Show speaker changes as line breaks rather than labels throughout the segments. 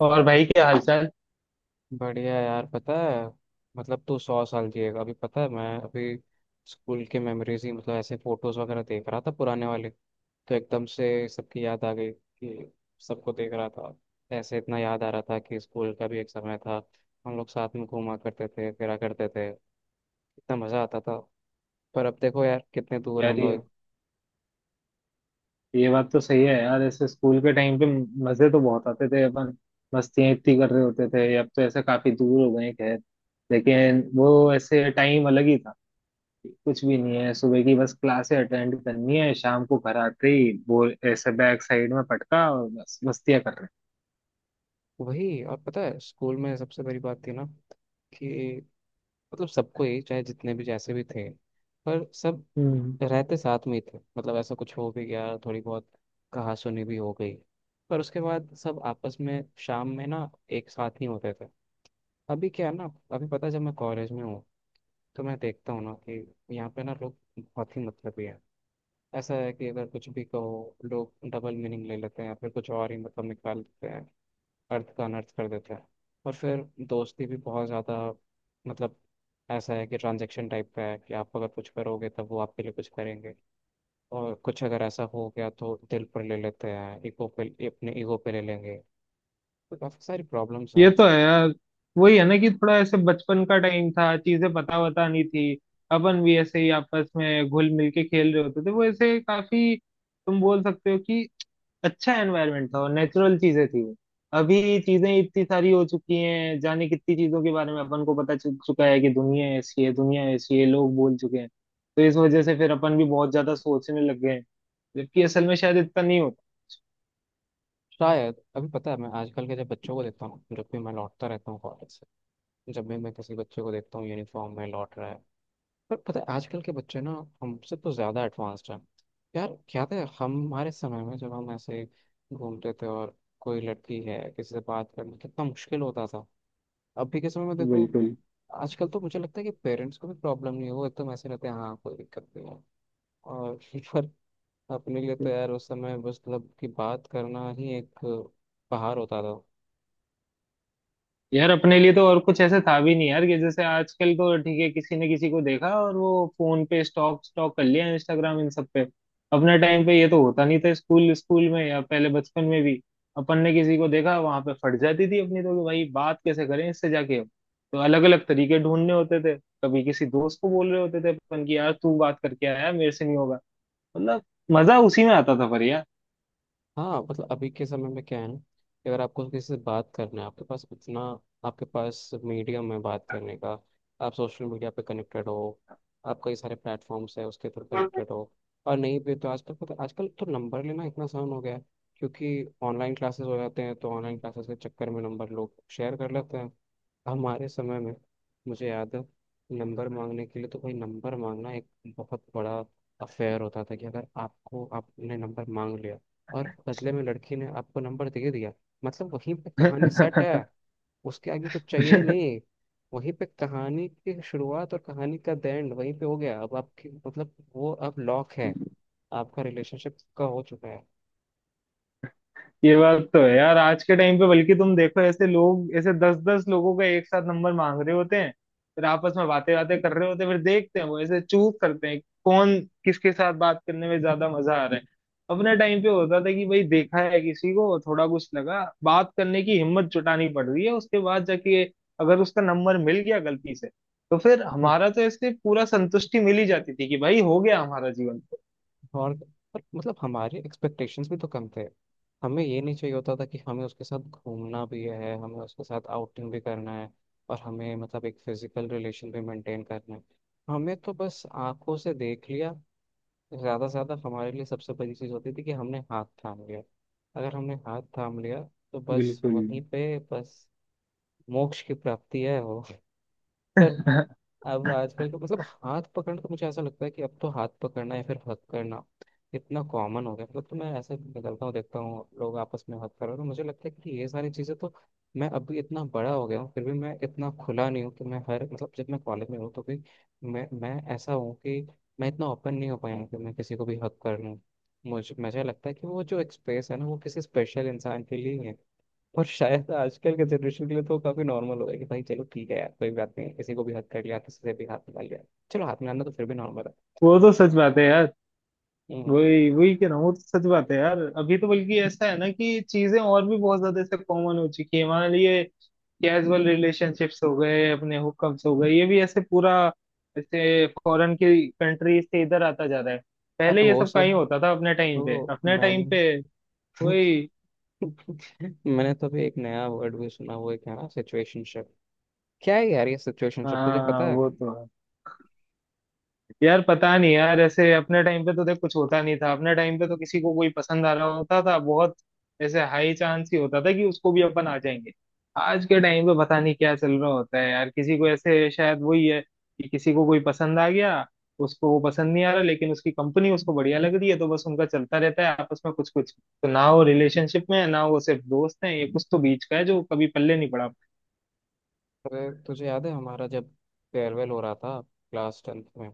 और भाई क्या हालचाल।
बढ़िया यार। पता है, मतलब तू 100 साल जिएगा। अभी पता है, मैं अभी स्कूल के मेमोरीज ही, मतलब ऐसे फोटोज वगैरह देख रहा था पुराने वाले। तो एकदम से सबकी याद आ गई कि सबको देख रहा था। ऐसे इतना याद आ रहा था कि स्कूल का भी एक समय था। हम लोग साथ में घूमा करते थे, फिरा करते थे। इतना मज़ा आता था। पर अब देखो यार, कितने दूर हैं हम
यार ये
लोग।
ये बात तो सही है यार, ऐसे स्कूल के टाइम पे मजे तो बहुत आते थे अपन। मस्तियां इतनी कर रहे होते थे, अब तो ऐसे काफी दूर हो गए हैं। खैर, लेकिन वो ऐसे टाइम अलग ही था। कुछ भी नहीं है, सुबह की बस क्लासे अटेंड करनी है, शाम को घर आते ही वो ऐसे बैक साइड में पटका और बस मस्तियां कर रहे
वही, और पता है स्कूल में सबसे बड़ी बात थी ना, कि मतलब सबको ही, चाहे जितने भी जैसे भी थे, पर सब
हैं।
रहते साथ में ही थे। मतलब ऐसा कुछ हो भी गया, थोड़ी बहुत कहासुनी भी हो गई, पर उसके बाद सब आपस में शाम में ना एक साथ ही होते थे। अभी क्या है ना, अभी पता है जब मैं कॉलेज में हूँ, तो मैं देखता हूँ ना कि यहाँ पे ना लोग बहुत ही मतलबी हैं। ऐसा है कि अगर कुछ भी कहो, लोग डबल मीनिंग ले लेते हैं या फिर कुछ और ही मतलब निकाल देते हैं। अर्थ का अनर्थ कर देते हैं। और फिर दोस्ती भी बहुत ज़्यादा, मतलब ऐसा है कि ट्रांजेक्शन टाइप का है, कि आप अगर कुछ करोगे तब वो आपके लिए कुछ करेंगे। और कुछ अगर ऐसा हो गया तो दिल पर ले लेते हैं, ईगो पे, अपने ईगो पे ले लेंगे। तो काफ़ी सारी प्रॉब्लम्स हैं।
ये तो है यार। वही है ना कि थोड़ा ऐसे बचपन का टाइम था, चीजें पता वता नहीं थी, अपन भी ऐसे ही आपस में घुल मिल के खेल रहे होते थे। वो ऐसे काफी, तुम बोल सकते हो कि अच्छा एनवायरनमेंट था और नेचुरल चीजें थी वो। अभी चीजें इतनी सारी हो चुकी हैं, जाने कितनी चीजों के बारे में अपन को पता चल चुका है कि दुनिया ऐसी है, दुनिया ऐसी है, लोग बोल चुके हैं। तो इस वजह से फिर अपन भी बहुत ज्यादा सोचने लग गए हैं, जबकि असल में शायद इतना नहीं होता।
शायद अभी पता है, मैं आजकल के जब बच्चों को देखता हूँ, जब भी मैं लौटता रहता हूँ कॉलेज से, जब भी मैं किसी बच्चे को देखता हूँ यूनिफॉर्म में लौट रहा है, पर पता है आजकल के बच्चे ना हमसे तो ज़्यादा एडवांस्ड हैं। यार क्या था हमारे समय में, जब हम ऐसे घूमते थे, और कोई लड़की है, किसी से बात करना कितना मुश्किल होता था। अभी के समय में देखो,
बिल्कुल।
आजकल तो मुझे लगता है कि पेरेंट्स को भी प्रॉब्लम नहीं है। वो एकदम ऐसे रहते हैं, हाँ कोई दिक्कत नहीं है। और पर अपने लिए तो यार उस समय बस, मतलब कि बात करना ही एक पहाड़ होता था।
यार अपने लिए तो और कुछ ऐसे था भी नहीं यार, कि जैसे आजकल तो ठीक है, किसी ने किसी को देखा और वो फोन पे स्टॉक स्टॉक कर लिया, इंस्टाग्राम इन सब पे। अपने टाइम पे ये तो होता नहीं था। स्कूल स्कूल में या पहले बचपन में भी अपन ने किसी को देखा वहां पे, फट जाती थी अपनी तो कि भाई बात कैसे करें इससे जाके। अब तो अलग अलग तरीके ढूंढने होते थे। कभी किसी दोस्त को बोल रहे होते थे अपन की यार तू बात करके आया, मेरे से नहीं होगा। मतलब, मजा उसी में आता था पर यार।
हाँ, मतलब अभी के समय में क्या है ना कि अगर आपको किसी से बात करना है, आपके पास उतना आपके पास मीडियम है बात करने का। आप सोशल मीडिया पे कनेक्टेड हो, आप कई सारे प्लेटफॉर्म्स है उसके थ्रू कनेक्टेड हो। और नहीं भी तो आजकल पता, आजकल तो नंबर लेना इतना आसान हो गया है, क्योंकि ऑनलाइन क्लासेस हो जाते हैं, तो ऑनलाइन क्लासेस के चक्कर में नंबर लोग शेयर कर लेते हैं। हमारे समय में, मुझे याद है, नंबर मांगने के लिए तो भाई, नंबर मांगना एक बहुत बड़ा अफेयर होता था। कि अगर आपको, आपने नंबर मांग लिया और बदले में लड़की ने आपको नंबर दे दिया, मतलब वहीं पे कहानी सेट है। उसके आगे कुछ चाहिए ही नहीं। वहीं पे कहानी की शुरुआत और कहानी का एंड वहीं पे हो गया। अब आपकी, मतलब वो अब लॉक है। आपका रिलेशनशिप का हो चुका है।
ये बात तो है यार। आज के टाइम पे बल्कि तुम देखो ऐसे लोग ऐसे दस दस लोगों का एक साथ नंबर मांग रहे होते हैं। फिर आपस में बातें बातें कर रहे होते हैं, फिर देखते हैं वो ऐसे चूज करते हैं कौन किसके साथ बात करने में ज्यादा मजा आ रहा है। अपने टाइम पे होता था कि भाई देखा है किसी को, थोड़ा कुछ लगा, बात करने की हिम्मत जुटानी पड़ रही है। उसके बाद जाके अगर उसका नंबर मिल गया गलती से, तो फिर हमारा तो ऐसे पूरा संतुष्टि मिल ही जाती थी कि भाई हो गया हमारा जीवन तो।
और पर मतलब हमारे एक्सपेक्टेशंस भी तो कम थे। हमें ये नहीं चाहिए होता था कि हमें उसके साथ घूमना भी है, हमें उसके साथ आउटिंग भी करना है, और हमें मतलब एक फिजिकल रिलेशन भी मेंटेन करना है। हमें तो बस आंखों से देख लिया, ज़्यादा से ज़्यादा हमारे लिए सबसे बड़ी चीज़ होती थी कि हमने हाथ थाम लिया। अगर हमने हाथ थाम लिया तो बस
बिल्कुल।
वहीं पे बस मोक्ष की प्राप्ति है वो। पर अब आजकल का मतलब, हाथ पकड़ना तो मुझे ऐसा लगता है कि अब तो हाथ पकड़ना या फिर हक करना इतना कॉमन हो गया। मतलब तो मैं ऐसे निकलता हूँ, देखता हूँ लोग आपस में हक कर रहे हैं, तो मुझे लगता है कि ये सारी चीज़ें तो, मैं अभी इतना बड़ा हो गया हूँ फिर भी मैं इतना खुला नहीं हूँ कि मैं हर, मतलब जब मैं कॉलेज में हूँ तो भी मैं ऐसा हूँ कि मैं इतना ओपन नहीं हो पाया हूँ कि मैं किसी को भी हक कर लूँ। मुझे मुझे लगता है कि वो जो एक स्पेस है ना, वो किसी स्पेशल इंसान के लिए ही है। और शायद आजकल के जनरेशन के लिए तो काफी नॉर्मल हो गया कि भाई चलो ठीक है यार, कोई बात नहीं, किसी को भी हक कर लिया, किसी से भी हाथ मिला लिया। चलो हाथ मिलाना तो फिर भी नॉर्मल है।
वो तो सच बात है यार।
हम्म,
वही वही कह रहा हूँ, वो तो सच बात है यार। अभी तो बल्कि ऐसा है ना कि चीजें और भी बहुत ज्यादा ऐसे कॉमन हो चुकी है हमारे लिए। कैजुअल रिलेशनशिप्स हो गए, अपने हुकअप्स हो गए, ये भी ऐसे पूरा ऐसे फॉरेन की कंट्री से इधर आता जा रहा है।
अरे
पहले ये
वो
सब कहीं
सब
होता था अपने टाइम
तो
पे?
मैंने
वही।
मैंने तो अभी एक नया वर्ड भी सुना, वो क्या ना, सिचुएशनशिप। क्या है यार ये सिचुएशनशिप, तुझे पता
हाँ
है?
वो तो है यार। पता नहीं यार, ऐसे अपने टाइम पे तो देख कुछ होता नहीं था। अपने टाइम पे तो किसी को कोई पसंद आ रहा होता था, बहुत ऐसे हाई चांस ही होता था कि उसको भी अपन आ जाएंगे। आज के टाइम पे पता नहीं क्या चल रहा होता है यार। किसी को ऐसे, शायद वही है कि किसी को कोई पसंद आ गया, उसको वो पसंद नहीं आ रहा, लेकिन उसकी कंपनी उसको बढ़िया लग रही है, तो बस उनका चलता रहता है आपस में कुछ कुछ। तो ना वो रिलेशनशिप में है ना वो सिर्फ दोस्त हैं, ये कुछ तो बीच का है जो कभी पल्ले नहीं पड़ा।
अरे तुझे याद है हमारा जब फेयरवेल हो रहा था, क्लास 10वीं में,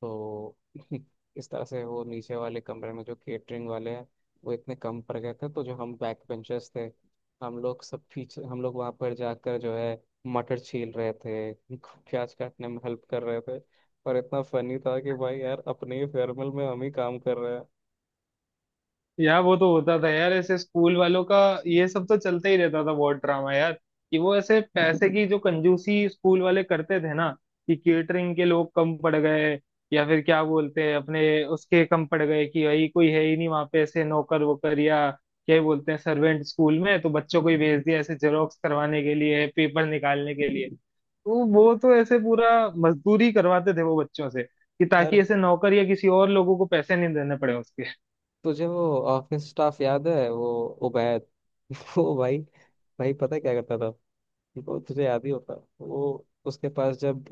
तो इस तरह से वो नीचे वाले कमरे में जो केटरिंग वाले हैं, वो इतने कम पड़ गए थे, तो जो हम बैक बेंचर्स थे, हम लोग सब पीछे, हम लोग वहाँ पर जाकर जो है मटर छील रहे थे, प्याज काटने में हेल्प कर रहे थे। और इतना फनी था कि भाई यार, अपने ही फेयरवेल में हम ही काम कर रहे हैं।
यार वो तो होता था यार ऐसे स्कूल वालों का। ये सब तो चलता ही रहता था, बहुत ड्रामा यार। कि वो ऐसे पैसे की जो कंजूसी स्कूल वाले करते थे ना, कि केटरिंग के लोग कम पड़ गए, या फिर क्या बोलते हैं अपने, उसके कम पड़ गए कि भाई कोई है ही नहीं वहां पे ऐसे नौकर वोकर या क्या ही बोलते हैं सर्वेंट। स्कूल में तो बच्चों को ही भेज दिया ऐसे जेरोक्स करवाने के लिए, पेपर निकालने के लिए। तो वो तो ऐसे पूरा मजदूरी करवाते थे वो बच्चों से, कि ताकि
यार
ऐसे नौकर या किसी और लोगों को पैसे नहीं देने पड़े उसके।
तुझे वो ऑफिस स्टाफ याद है, वो उबैद? वो भाई, भाई पता है क्या करता था, वो तुझे याद ही होगा। वो उसके पास जब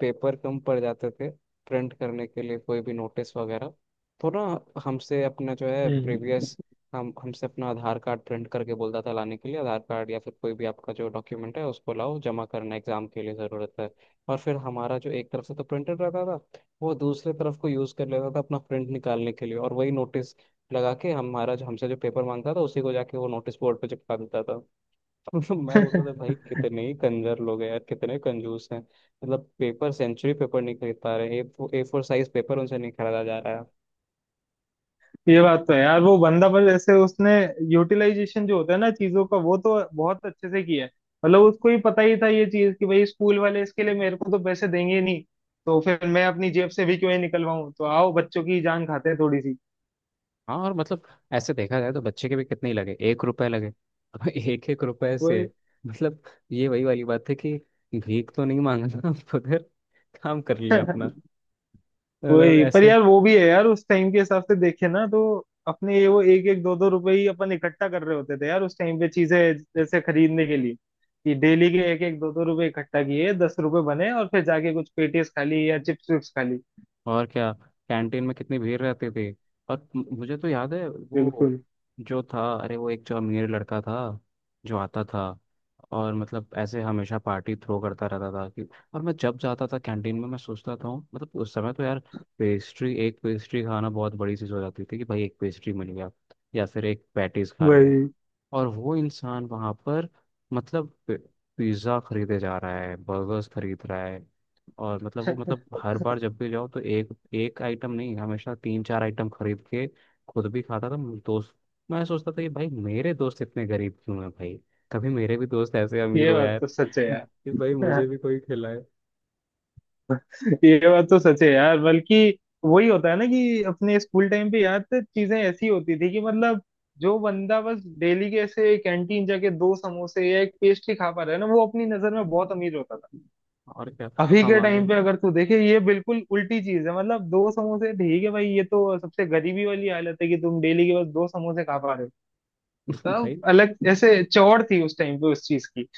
पेपर कम पड़ जाते थे प्रिंट करने के लिए, कोई भी नोटिस वगैरह, तो ना हमसे अपना जो है
हम्म।
प्रीवियस, हम हमसे अपना आधार कार्ड प्रिंट करके बोलता था लाने के लिए, आधार कार्ड या फिर कोई भी आपका जो डॉक्यूमेंट है उसको लाओ, जमा करना, एग्जाम के लिए ज़रूरत है। और फिर हमारा जो एक तरफ से तो प्रिंटर रहता था, वो दूसरे तरफ को यूज़ कर लेता था अपना प्रिंट निकालने के लिए, और वही नोटिस लगा के हमारा जो, हमसे जो पेपर मांगता था, उसी को जाके वो नोटिस बोर्ड पे चिपका देता था। मैं बोलता था भाई कितने ही कंजर लोग हैं यार, कितने कंजूस हैं, मतलब पेपर, सेंचुरी पेपर नहीं खरीद पा रहे, ए फोर साइज पेपर उनसे नहीं खरीदा जा रहा है।
ये बात तो है यार। वो बंदा पर जैसे उसने यूटिलाइजेशन जो होता है ना चीजों का, वो तो बहुत अच्छे से किया है। मतलब उसको ही पता ही था ये चीज कि भाई स्कूल वाले इसके लिए मेरे को तो पैसे देंगे ही नहीं, तो फिर मैं अपनी जेब से भी क्यों ही निकलवाऊं, तो आओ बच्चों की जान खाते हैं थोड़ी सी।
हाँ, और मतलब ऐसे देखा जाए तो बच्चे के भी कितने ही लगे, 1 रुपए लगे। अब एक एक रुपए से मतलब, ये वही वाली बात है कि भीख तो नहीं मांगा था उधर, काम कर
वो।
लिया अपना, मतलब
वही पर
ऐसे।
यार वो भी है यार, उस टाइम के हिसाब से देखे ना तो अपने ये वो एक एक दो दो रुपए ही अपन इकट्ठा कर रहे होते थे यार उस टाइम पे, चीजें जैसे खरीदने के लिए। कि डेली के एक एक दो दो रुपए इकट्ठा किए, 10 रुपए बने, और फिर जाके कुछ पेटीज खा ली या चिप्स विप्स खा ली।
और क्या, कैंटीन में कितनी भीड़ रहती थी। और मुझे तो याद है वो
बिल्कुल।
जो था, अरे वो एक जो अमीर लड़का था, जो आता था और मतलब ऐसे हमेशा पार्टी थ्रो करता रहता था कि, और मैं जब जाता था कैंटीन में, मैं सोचता था मतलब उस समय तो यार पेस्ट्री, एक पेस्ट्री खाना बहुत बड़ी चीज़ हो जाती थी। कि भाई एक पेस्ट्री मिल गया या फिर एक पैटीज खा लिया।
वही।
और वो इंसान वहां पर मतलब पिज्ज़ा खरीदे जा रहा है, बर्गर्स खरीद रहा है। और मतलब वो मतलब हर बार जब भी जाओ तो एक, एक आइटम नहीं, हमेशा 3-4 आइटम खरीद के खुद भी खाता था मेरे दोस्त। मैं सोचता था कि भाई मेरे दोस्त इतने गरीब क्यों हैं भाई, कभी मेरे भी दोस्त ऐसे अमीर
ये
हो
बात
यार।
तो सच है
कि भाई मुझे
यार।
भी कोई खिलाए।
ये बात तो सच है यार, बल्कि वही होता है ना कि अपने स्कूल टाइम पे यार तो चीजें ऐसी होती थी कि, मतलब, जो बंदा बस डेली के ऐसे कैंटीन जाके दो समोसे या एक पेस्ट्री खा पा रहा है ना, वो अपनी नजर में बहुत अमीर होता था।
और क्या,
अभी के
हमारे
टाइम पे अगर तू देखे ये बिल्कुल उल्टी चीज है। मतलब दो समोसे ठीक है भाई, ये तो सबसे गरीबी वाली हालत है कि तुम डेली के बस दो समोसे खा पा रहे हो। तब
भाई।
अलग ऐसे चौड़ थी उस टाइम पे उस चीज की।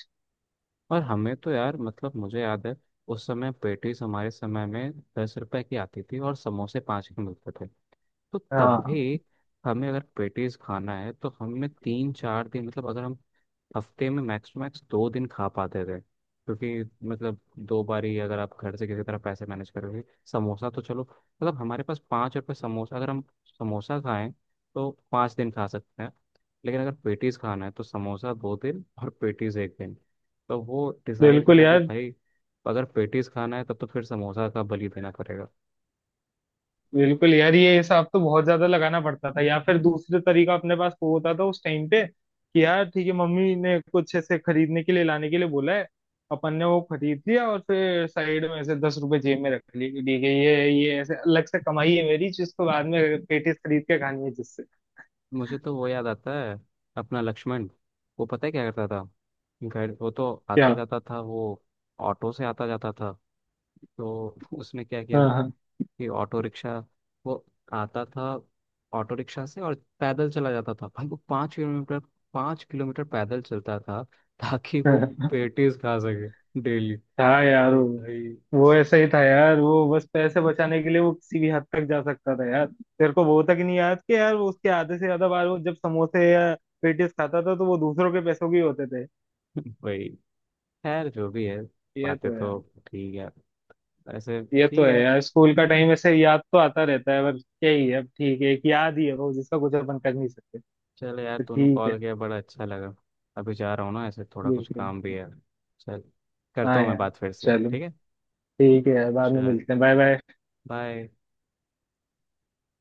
और हमें तो यार मतलब मुझे याद है, उस समय पेटीज हमारे समय में 10 रुपए की आती थी और समोसे 5 के मिलते थे। तो तब
हाँ।
भी हमें अगर पेटीज खाना है तो हमें 3-4 दिन, मतलब अगर हम हफ्ते में मैक्स टू मैक्स 2 दिन खा पाते थे, क्योंकि मतलब 2 बारी अगर आप घर से किसी तरह पैसे मैनेज करोगे। समोसा तो चलो, मतलब हमारे पास 5 रुपये, समोसा अगर हम समोसा खाएं तो 5 दिन खा सकते हैं। लेकिन अगर पेटीज खाना है तो समोसा 2 दिन और पेटीज एक दिन। तो वो डिसाइड
बिल्कुल
करना है कि
यार।
भाई, अगर पेटीज खाना है तब तो फिर समोसा का बलि देना पड़ेगा।
बिल्कुल यार, ये हिसाब तो बहुत ज्यादा लगाना पड़ता था। या फिर दूसरे तरीका अपने पास वो होता था उस टाइम पे कि यार ठीक है, मम्मी ने कुछ ऐसे खरीदने के लिए लाने के लिए बोला है, अपन ने वो खरीद लिया और फिर साइड में ऐसे 10 रुपए जेब में रख लिए कि ठीक है ये ऐसे अलग से कमाई है मेरी, जिसको बाद में पेटीज खरीद के खानी है, जिससे।
मुझे तो वो याद आता है, अपना लक्ष्मण। वो पता है क्या करता था, घर वो तो
क्या।
आता जाता था, वो ऑटो से आता जाता था। तो उसने क्या किया था
हाँ,
कि ऑटो रिक्शा, वो आता था ऑटो रिक्शा से, और पैदल चला जाता था भाई वो, 5 किलोमीटर, 5 किलोमीटर पैदल चलता था, ताकि वो
हाँ,
पेटीज खा सके डेली।
हाँ। यार
मतलब
वो
भाई,
वो ऐसा ही था यार। वो बस पैसे बचाने के लिए वो किसी भी हद तक जा सकता था यार। तेरे को वो तक नहीं याद कि यार वो उसके आधे से ज्यादा बार वो जब समोसे या पेटीज खाता था, तो वो दूसरों के पैसों के ही होते थे।
भाई खैर जो भी है,
ये
बातें
तो
तो
यार।
ठीक है ऐसे।
ये तो
ठीक
है
है
यार, स्कूल का टाइम ऐसे याद तो आता रहता है, पर क्या ही है अब। ठीक है, एक याद ही है वो, जिसका कुछ अपन कर नहीं सकते।
चल यार,
तो
तूने
ठीक है।
कॉल किया बड़ा अच्छा लगा। अभी जा रहा हूँ ना, ऐसे थोड़ा
देख
कुछ
रहे
काम भी
हैं।
है। चल, करता
हाँ
हूँ मैं
यार,
बात फिर से,
चलो
ठीक है?
ठीक है यार, बाद में
चल,
मिलते हैं, बाय बाय।
बाय।